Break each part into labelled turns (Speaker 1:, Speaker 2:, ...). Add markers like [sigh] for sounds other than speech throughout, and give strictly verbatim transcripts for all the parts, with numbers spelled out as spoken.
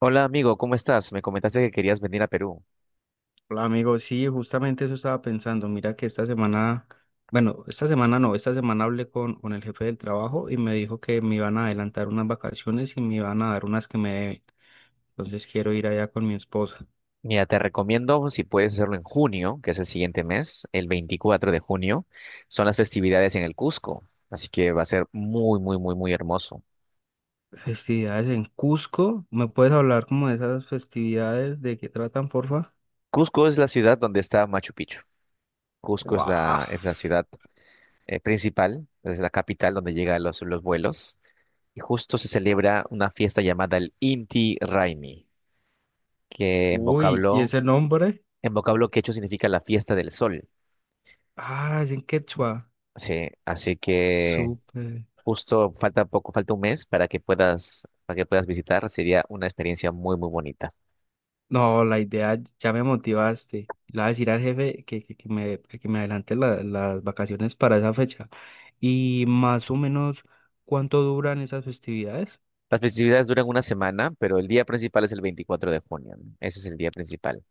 Speaker 1: Hola amigo, ¿cómo estás? Me comentaste que querías venir a Perú.
Speaker 2: Hola amigo, sí, justamente eso estaba pensando. Mira que esta semana, bueno, esta semana no, esta semana hablé con, con el jefe del trabajo y me dijo que me iban a adelantar unas vacaciones y me iban a dar unas que me deben. Entonces quiero ir allá con mi esposa.
Speaker 1: Mira, te recomiendo si puedes hacerlo en junio, que es el siguiente mes, el veinticuatro de junio, son las festividades en el Cusco, así que va a ser muy, muy, muy, muy hermoso.
Speaker 2: Festividades en Cusco, ¿me puedes hablar como de esas festividades? ¿De qué tratan, porfa?
Speaker 1: Cusco es la ciudad donde está Machu Picchu. Cusco es
Speaker 2: ¡Wow!
Speaker 1: la, es la ciudad eh, principal, es la capital donde llegan los, los vuelos, y justo se celebra una fiesta llamada el Inti Raymi, que en
Speaker 2: Uy, ¿y
Speaker 1: vocablo,
Speaker 2: ese nombre?
Speaker 1: en vocablo quechua significa la fiesta del sol.
Speaker 2: Ah, es en quechua.
Speaker 1: Sí, así que
Speaker 2: Súper.
Speaker 1: justo falta poco, falta un mes para que puedas, para que puedas visitar. Sería una experiencia muy, muy bonita.
Speaker 2: No, la idea ya me motivaste. Le voy a decir al jefe que, que, que me, que que me adelante la- las vacaciones para esa fecha. Y más o menos, ¿cuánto duran esas festividades?
Speaker 1: Las festividades duran una semana, pero el día principal es el veinticuatro de junio, ¿no? Ese es el día principal.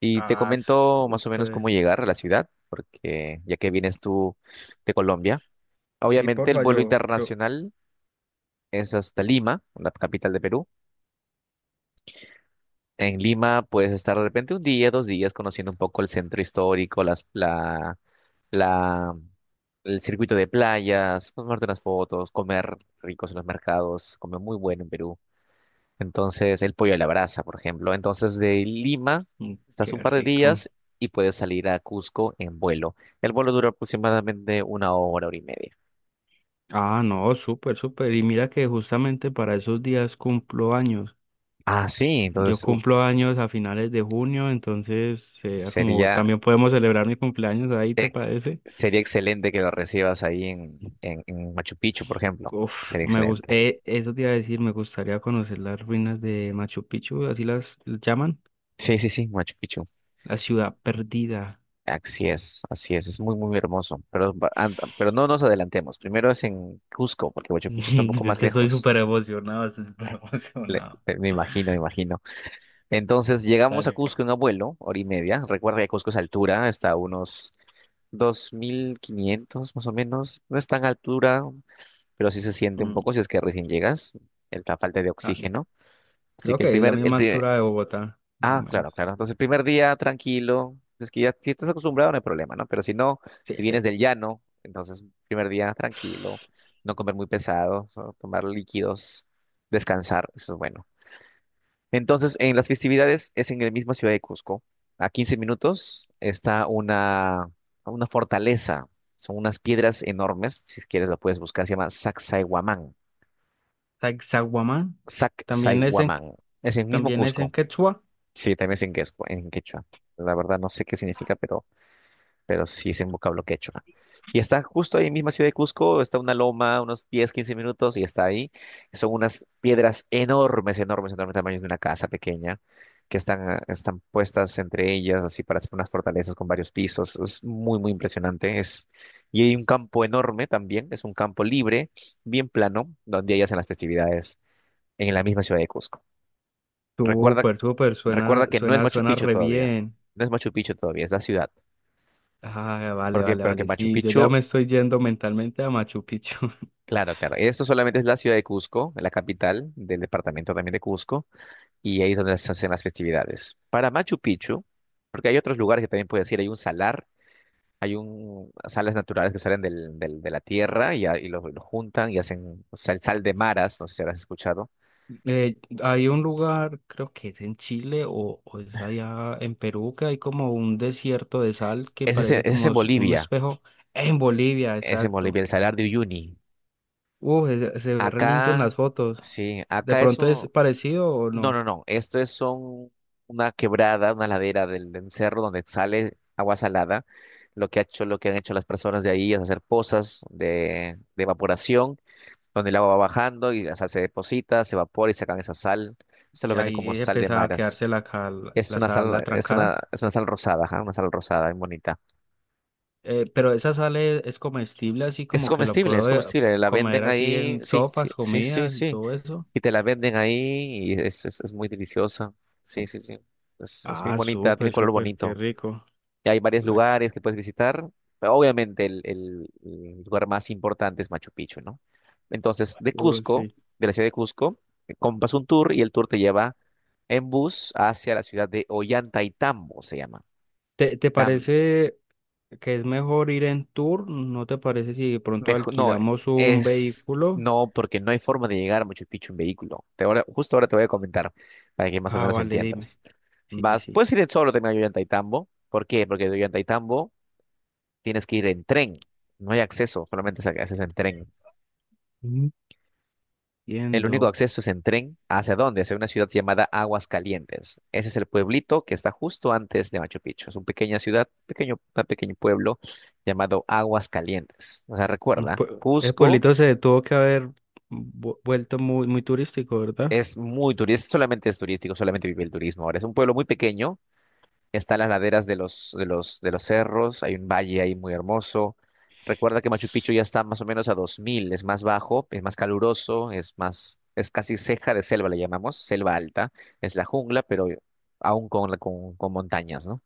Speaker 1: Y te
Speaker 2: Ah,
Speaker 1: comento más o menos
Speaker 2: súper.
Speaker 1: cómo llegar a la ciudad, porque ya que vienes tú de Colombia,
Speaker 2: Sí,
Speaker 1: obviamente el
Speaker 2: porfa,
Speaker 1: vuelo
Speaker 2: yo, yo.
Speaker 1: internacional es hasta Lima, la capital de Perú. En Lima puedes estar de repente un día, dos días, conociendo un poco el centro histórico, las, la, la el circuito de playas, tomarte unas fotos, comer ricos en los mercados, comer muy bueno en Perú. Entonces, el pollo a la brasa, por ejemplo. Entonces, de Lima,
Speaker 2: Mm,
Speaker 1: estás un
Speaker 2: qué
Speaker 1: par de
Speaker 2: rico.
Speaker 1: días y puedes salir a Cusco en vuelo. El vuelo dura aproximadamente una hora, hora y media.
Speaker 2: Ah, no, súper, súper. Y mira que justamente para esos días cumplo años.
Speaker 1: Ah, sí,
Speaker 2: Yo
Speaker 1: entonces, uf,
Speaker 2: cumplo años a finales de junio, entonces, eh, como
Speaker 1: sería,
Speaker 2: también podemos celebrar mi cumpleaños ahí, ¿te
Speaker 1: eh,
Speaker 2: parece?
Speaker 1: sería excelente que lo recibas ahí en, en, en Machu Picchu, por ejemplo.
Speaker 2: Uf,
Speaker 1: Sería
Speaker 2: me gus-
Speaker 1: excelente.
Speaker 2: eh, eso te iba a decir, me gustaría conocer las ruinas de Machu Picchu, así las llaman,
Speaker 1: Sí, sí, sí, Machu Picchu.
Speaker 2: la ciudad perdida.
Speaker 1: Así es, así es, es muy, muy hermoso. Pero, va- and- pero no nos adelantemos. Primero es en Cusco, porque Huacho Picchu está un poco
Speaker 2: [laughs] Es
Speaker 1: más
Speaker 2: que estoy
Speaker 1: lejos.
Speaker 2: súper emocionado, estoy súper
Speaker 1: Eh, Le-
Speaker 2: emocionado.
Speaker 1: eh, me imagino, me imagino. Entonces llegamos a
Speaker 2: Dale.
Speaker 1: Cusco en abuelo, hora y media. Recuerda que Cusco es altura, está a unos dos mil quinientos más o menos. No es tan altura, pero sí se siente un
Speaker 2: Mm,
Speaker 1: poco si es que recién llegas, el- la falta de
Speaker 2: ah,
Speaker 1: oxígeno. Así
Speaker 2: creo
Speaker 1: que el
Speaker 2: que es la
Speaker 1: primer, el
Speaker 2: misma
Speaker 1: primer,
Speaker 2: altura de Bogotá, más o
Speaker 1: Ah, claro,
Speaker 2: menos.
Speaker 1: claro. Entonces, el primer día tranquilo. Es que ya si estás acostumbrado, no hay problema, ¿no? Pero si no, si
Speaker 2: Sí,
Speaker 1: vienes
Speaker 2: sí.
Speaker 1: del llano, entonces, primer día tranquilo, no comer muy pesado, solo tomar líquidos, descansar, eso es bueno. Entonces, en las festividades es en la misma ciudad de Cusco. A quince minutos está una, una fortaleza. Son unas piedras enormes. Si quieres, lo puedes buscar. Se llama Sacsayhuamán.
Speaker 2: Sacsayhuamán, también es en,
Speaker 1: Sacsayhuamán. Es el mismo
Speaker 2: también es en
Speaker 1: Cusco.
Speaker 2: quechua.
Speaker 1: Sí, también es en quechua, en quechua. La verdad no sé qué significa, pero, pero sí es en vocablo quechua. Y está justo ahí en misma ciudad de Cusco, está una loma, unos diez, quince minutos y está ahí. Son unas piedras enormes, enormes, enormes, tamaño de una casa pequeña, que están, ah, están puestas entre ellas, así para hacer unas fortalezas con varios pisos. Es muy, muy impresionante. Es. Y hay un campo enorme también, es un campo libre, bien plano, donde ellas hacen las festividades en la misma ciudad de Cusco. Recuerda,
Speaker 2: Súper, súper,
Speaker 1: recuerda
Speaker 2: suena,
Speaker 1: que no es
Speaker 2: suena,
Speaker 1: Machu
Speaker 2: suena
Speaker 1: Picchu
Speaker 2: re
Speaker 1: todavía.
Speaker 2: bien.
Speaker 1: No es Machu Picchu todavía, es la ciudad.
Speaker 2: Ah, vale,
Speaker 1: Porque,
Speaker 2: vale,
Speaker 1: porque
Speaker 2: vale.
Speaker 1: Machu
Speaker 2: Sí, yo
Speaker 1: Picchu,
Speaker 2: ya me estoy yendo mentalmente a Machu Picchu.
Speaker 1: claro, claro. Esto solamente es la ciudad de Cusco, la capital del departamento también de Cusco, y ahí es donde se hacen las festividades. Para Machu Picchu, porque hay otros lugares que también puedes ir, hay un salar, hay un sales naturales que salen del, del- de la tierra y, a- y lo, lo juntan y hacen sal, sal de maras, no sé si habrás escuchado.
Speaker 2: Eh, hay un lugar, creo que es en Chile o, o es allá en Perú, que hay como un desierto de sal que
Speaker 1: Ese es, en-
Speaker 2: parece
Speaker 1: ese es en
Speaker 2: como s- un
Speaker 1: Bolivia,
Speaker 2: espejo. En Bolivia,
Speaker 1: es en Bolivia,
Speaker 2: exacto.
Speaker 1: el salar de Uyuni.
Speaker 2: Uh, se, se ve re lindo en las
Speaker 1: Acá,
Speaker 2: fotos.
Speaker 1: sí,
Speaker 2: ¿De
Speaker 1: acá
Speaker 2: pronto es
Speaker 1: eso.
Speaker 2: parecido o
Speaker 1: No,
Speaker 2: no?
Speaker 1: no, no. Esto es son una quebrada, una ladera del, del cerro donde sale agua salada. Lo que ha hecho, lo que han hecho las personas de ahí es hacer pozas de, de evaporación, donde el agua va bajando y o sea, se deposita, se evapora y sacan esa sal. Se lo
Speaker 2: Y
Speaker 1: venden como
Speaker 2: ahí
Speaker 1: sal de
Speaker 2: empieza a quedarse
Speaker 1: maras.
Speaker 2: la, cal-
Speaker 1: Es
Speaker 2: la
Speaker 1: una
Speaker 2: sal, la
Speaker 1: sal, es una,
Speaker 2: trancada.
Speaker 1: es una sal rosada, ajá, una sal rosada, muy bonita.
Speaker 2: Eh, pero esa sal es, es comestible, así
Speaker 1: Es
Speaker 2: como que la
Speaker 1: comestible, es
Speaker 2: puedo eh,
Speaker 1: comestible. La
Speaker 2: comer
Speaker 1: venden
Speaker 2: así
Speaker 1: ahí.
Speaker 2: en
Speaker 1: Sí, sí,
Speaker 2: sopas,
Speaker 1: sí, sí,
Speaker 2: comidas y
Speaker 1: sí.
Speaker 2: todo eso.
Speaker 1: Y te la venden ahí y es, es, es muy deliciosa. Sí, sí, sí. Es, es muy
Speaker 2: Ah,
Speaker 1: bonita, tiene
Speaker 2: súper,
Speaker 1: color
Speaker 2: súper, qué
Speaker 1: bonito.
Speaker 2: rico.
Speaker 1: Y hay varios
Speaker 2: La...
Speaker 1: lugares que puedes visitar, pero obviamente el, el- el lugar más importante es Machu Picchu, ¿no? Entonces, de
Speaker 2: Uh,
Speaker 1: Cusco,
Speaker 2: sí.
Speaker 1: de la ciudad de Cusco, eh, compras un tour y el tour te lleva en bus hacia la ciudad de Ollantaytambo, se llama.
Speaker 2: ¿Te, te parece que es mejor ir en tour? ¿No te parece si de pronto
Speaker 1: Mejor, no,
Speaker 2: alquilamos un
Speaker 1: es
Speaker 2: vehículo?
Speaker 1: no, porque no hay forma de llegar a Machu Picchu en vehículo. Te Ahora, justo ahora te voy a comentar para que más o
Speaker 2: Ah,
Speaker 1: menos
Speaker 2: vale, dime.
Speaker 1: entiendas.
Speaker 2: Sí,
Speaker 1: Vas,
Speaker 2: sí.
Speaker 1: puedes ir solo también a Ollantaytambo. ¿Por qué? Porque de Ollantaytambo tienes que ir en tren. No hay acceso, solamente es acceso en tren. El único
Speaker 2: Entiendo.
Speaker 1: acceso es en tren. ¿Hacia dónde? Hacia una ciudad llamada Aguas Calientes. Ese es el pueblito que está justo antes de Machu Picchu. Es una pequeña ciudad, pequeño, un pequeño pueblo llamado Aguas Calientes. O sea,
Speaker 2: Mm,
Speaker 1: recuerda,
Speaker 2: pue- El
Speaker 1: Cusco.
Speaker 2: pueblito se tuvo que haber vu- vuelto muy, muy turístico, ¿verdad?
Speaker 1: Es muy turístico, solamente es turístico, solamente vive el turismo. Ahora es un pueblo muy pequeño, está en las laderas de los, de los, de los cerros, hay un valle ahí muy hermoso. Recuerda que Machu Picchu ya está más o menos a dos mil es más bajo, es más caluroso, es más, es casi ceja de selva, le llamamos, selva alta, es la jungla, pero aún con, la- con, con montañas, ¿no?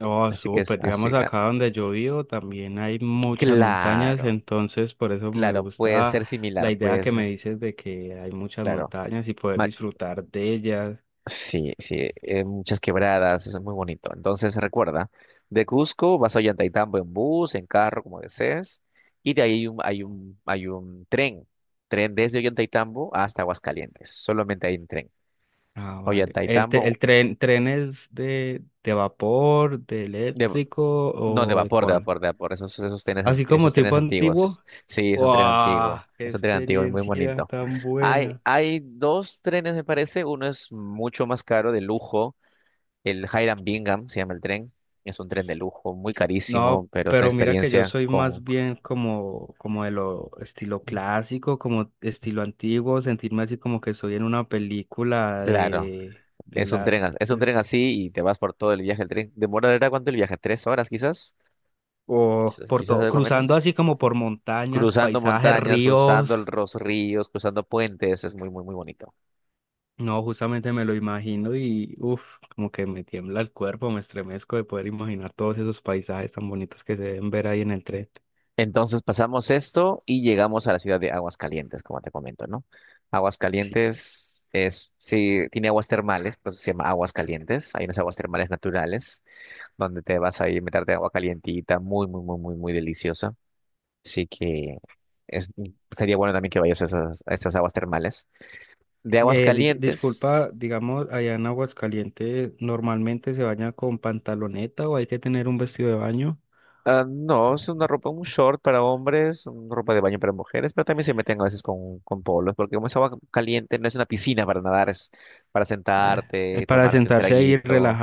Speaker 2: Oh,
Speaker 1: Así que es
Speaker 2: súper. Digamos,
Speaker 1: así, ah,
Speaker 2: acá donde yo vivo también hay muchas montañas,
Speaker 1: claro,
Speaker 2: entonces por eso me
Speaker 1: claro, puede
Speaker 2: gusta
Speaker 1: ser
Speaker 2: la
Speaker 1: similar,
Speaker 2: idea
Speaker 1: puede
Speaker 2: que
Speaker 1: ser,
Speaker 2: me dices de que hay muchas
Speaker 1: claro.
Speaker 2: montañas y poder
Speaker 1: Ma-
Speaker 2: disfrutar de ellas.
Speaker 1: Sí, sí, eh, muchas quebradas, eso es muy bonito. Entonces recuerda, de Cusco vas a Ollantaytambo en bus, en carro, como desees, y de ahí hay un, hay un, hay un tren, tren desde Ollantaytambo hasta Aguascalientes, solamente hay un tren.
Speaker 2: Ah, vale. ¿El, te-
Speaker 1: Ollantaytambo,
Speaker 2: el tren, tren es de, de vapor, de
Speaker 1: de-
Speaker 2: eléctrico
Speaker 1: no de
Speaker 2: o de
Speaker 1: vapor, de
Speaker 2: cuál?
Speaker 1: vapor, de vapor, esos, esos trenes, ant-
Speaker 2: Así como
Speaker 1: esos
Speaker 2: tipo
Speaker 1: trenes antiguos.
Speaker 2: antiguo.
Speaker 1: Sí, es un tren
Speaker 2: ¡Wow!
Speaker 1: antiguo,
Speaker 2: ¡Qué
Speaker 1: es un tren antiguo y muy
Speaker 2: experiencia
Speaker 1: bonito.
Speaker 2: tan
Speaker 1: Hay,
Speaker 2: buena!
Speaker 1: hay dos trenes, me parece, uno es mucho más caro, de lujo. El Hiram Bingham se llama el tren. Es un tren de lujo, muy carísimo,
Speaker 2: No,
Speaker 1: pero es una
Speaker 2: pero mira que yo
Speaker 1: experiencia
Speaker 2: soy
Speaker 1: con.
Speaker 2: más bien como, como de lo estilo clásico, como estilo antiguo, sentirme así como que estoy en una película
Speaker 1: Claro,
Speaker 2: de, de
Speaker 1: es un tren,
Speaker 2: la...
Speaker 1: as- es un
Speaker 2: de-
Speaker 1: tren así y te vas por todo el viaje. El tren demorará cuánto el viaje, tres horas quizás,
Speaker 2: o
Speaker 1: quizás,
Speaker 2: por
Speaker 1: quizás
Speaker 2: todo,
Speaker 1: algo
Speaker 2: cruzando
Speaker 1: menos.
Speaker 2: así como por montañas,
Speaker 1: Cruzando
Speaker 2: paisajes,
Speaker 1: montañas,
Speaker 2: ríos.
Speaker 1: cruzando el- los ríos, cruzando puentes, es muy, muy, muy bonito.
Speaker 2: No, justamente me lo imagino y uff, como que me tiembla el cuerpo, me estremezco de poder imaginar todos esos paisajes tan bonitos que se deben ver ahí en el tren.
Speaker 1: Entonces pasamos esto y llegamos a la ciudad de Aguascalientes, como te comento, ¿no?
Speaker 2: Sí.
Speaker 1: Aguascalientes es, sí, tiene aguas termales, pues se llama Aguascalientes. Hay unas aguas termales naturales. Donde te vas a ir a meterte agua calientita, muy, muy, muy, muy, muy deliciosa. Así que es- sería bueno también que vayas a esas, a estas aguas termales. De aguas
Speaker 2: Eh, di-
Speaker 1: calientes,
Speaker 2: disculpa, digamos, allá en Aguascalientes, ¿normalmente se baña con pantaloneta o hay que tener un vestido de baño?
Speaker 1: ah, no, es una ropa, un short para hombres, una ropa de baño para mujeres, pero también se meten a veces con, con polos, porque como es agua caliente, no es una piscina para nadar, es para
Speaker 2: Eh, eh,
Speaker 1: sentarte,
Speaker 2: para
Speaker 1: tomarte un
Speaker 2: sentarse ahí y
Speaker 1: traguito,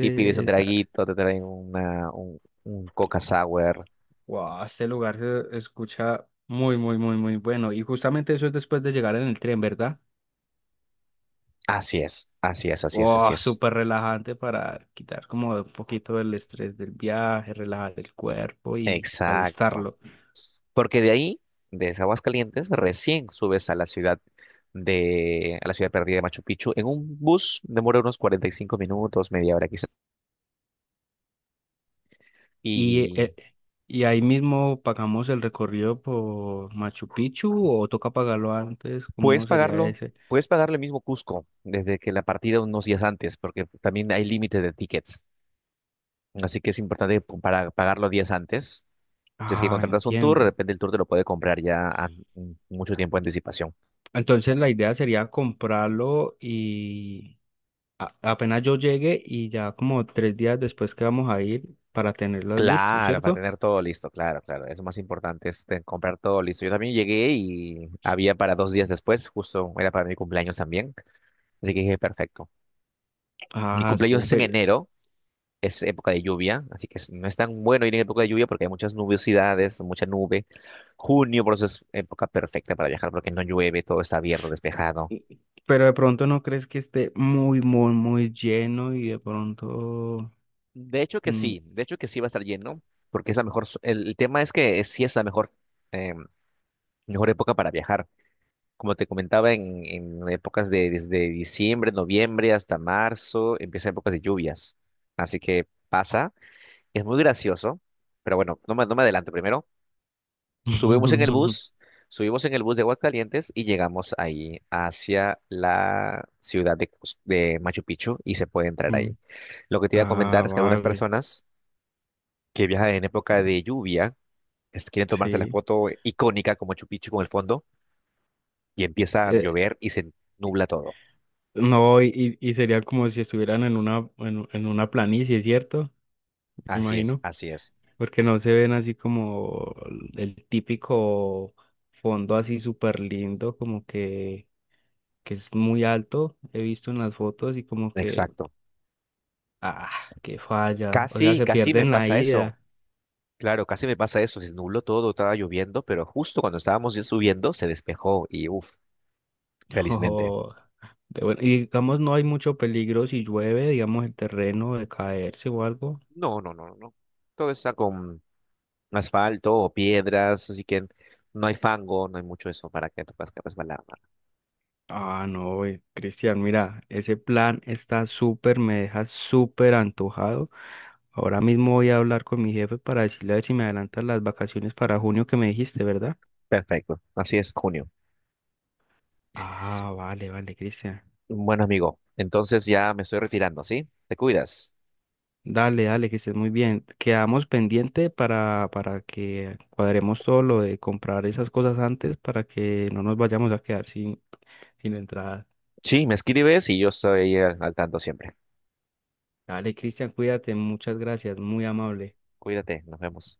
Speaker 1: y pides un
Speaker 2: esa-
Speaker 1: traguito, te traen una, un, un Coca Sour.
Speaker 2: Wow, este lugar se escucha muy, muy, muy, muy bueno. Y justamente eso es después de llegar en el tren, ¿verdad?
Speaker 1: Así es, así es, así es, así
Speaker 2: Oh,
Speaker 1: es.
Speaker 2: súper relajante para quitar como un poquito el estrés del viaje, relajar el cuerpo y
Speaker 1: Exacto.
Speaker 2: alistarlo.
Speaker 1: Porque de ahí, desde Aguascalientes, recién subes a la ciudad de, a la ciudad perdida de Machu Picchu. En un bus demora unos cuarenta y cinco minutos, media hora quizás.
Speaker 2: Y,
Speaker 1: Y
Speaker 2: eh, y ahí mismo pagamos el recorrido por Machu Picchu o toca pagarlo antes,
Speaker 1: puedes
Speaker 2: ¿cómo sería
Speaker 1: pagarlo,
Speaker 2: ese?
Speaker 1: puedes pagarlo el mismo Cusco desde que la partida unos días antes, porque también hay límite de tickets. Así que es importante pu- para pagarlo días antes. Si es que
Speaker 2: Ah,
Speaker 1: contratas un tour, de
Speaker 2: entiendo.
Speaker 1: repente el tour te lo puede comprar ya a- mm, mucho tiempo de anticipación.
Speaker 2: Entonces la idea sería comprarlo y a- apenas yo llegue y ya como tres días después que vamos a ir para tenerlos listos,
Speaker 1: Claro, para
Speaker 2: ¿cierto?
Speaker 1: tener todo listo, claro, claro. Es lo más importante, es comprar todo listo. Yo también llegué y había para dos días después, justo era para mi cumpleaños también. Así que dije, perfecto. Mi
Speaker 2: Ah,
Speaker 1: cumpleaños es en
Speaker 2: súper.
Speaker 1: enero, es época de lluvia, así que es- no es tan bueno ir en época de lluvia porque hay muchas nubiosidades, mucha nube. Junio, por eso es época perfecta para viajar porque no llueve, todo está abierto, despejado.
Speaker 2: Pero de pronto no crees que esté muy, muy, muy lleno y de pronto...
Speaker 1: De hecho que
Speaker 2: mm,
Speaker 1: sí, de hecho que sí va a estar lleno porque es la mejor, so- el, el tema es que sí es la mejor, em, mejor época para viajar. Como te comentaba, en, en épocas de desde diciembre, noviembre hasta marzo, empiezan épocas de lluvias. Así que pasa, es muy gracioso, pero bueno, no me, no me adelanto primero. Subimos en el
Speaker 2: [laughs]
Speaker 1: bus, subimos en el bus de Aguascalientes y llegamos ahí hacia la ciudad de, Cus- de Machu Picchu y se puede entrar ahí.
Speaker 2: mm,
Speaker 1: Lo que te iba a
Speaker 2: ah,
Speaker 1: comentar es que algunas
Speaker 2: vale,
Speaker 1: personas que viajan en época de lluvia es- quieren tomarse la
Speaker 2: sí.
Speaker 1: foto icónica con Machu Picchu con el fondo y empieza a
Speaker 2: Eh,
Speaker 1: llover y se nubla todo.
Speaker 2: no, y, y y sería como si estuvieran en una, en, en una planicie, ¿cierto? Me
Speaker 1: Así es,
Speaker 2: imagino.
Speaker 1: así es.
Speaker 2: Porque no se ven así como el típico fondo así súper lindo, como que, que es muy alto. He visto en las fotos y como que
Speaker 1: Exacto.
Speaker 2: ah, qué falla. O sea
Speaker 1: Casi,
Speaker 2: que
Speaker 1: casi me
Speaker 2: pierden la
Speaker 1: pasa eso.
Speaker 2: ida.
Speaker 1: Claro, casi me pasa eso. Se nubló todo, estaba lloviendo, pero justo cuando estábamos ya subiendo se despejó y uff,
Speaker 2: [laughs]
Speaker 1: felizmente.
Speaker 2: Ojo. De buen- y digamos, no hay mucho peligro si llueve, digamos, el terreno de caerse o algo.
Speaker 1: No, no, no, no. Todo está con asfalto o piedras, así que no hay fango, no hay mucho eso para que te puedas resbalar, nada.
Speaker 2: Ah, no, güey, Cristian, mira, ese plan está súper, me deja súper antojado. Ahora mismo voy a hablar con mi jefe para decirle a ver si me adelantan las vacaciones para junio que me dijiste, ¿verdad?
Speaker 1: Perfecto. Así es, junio.
Speaker 2: Ah, vale, vale, Cristian.
Speaker 1: Bueno, amigo, entonces ya me estoy retirando, ¿sí? Te cuidas.
Speaker 2: Dale, dale, que estés muy bien. Quedamos pendiente para, para que cuadremos todo lo de comprar esas cosas antes para que no nos vayamos a quedar sin, sin entrada.
Speaker 1: Sí, me escribes y yo estoy al al tanto siempre.
Speaker 2: Dale, Cristian, cuídate, muchas gracias, muy amable.
Speaker 1: Cuídate, nos vemos.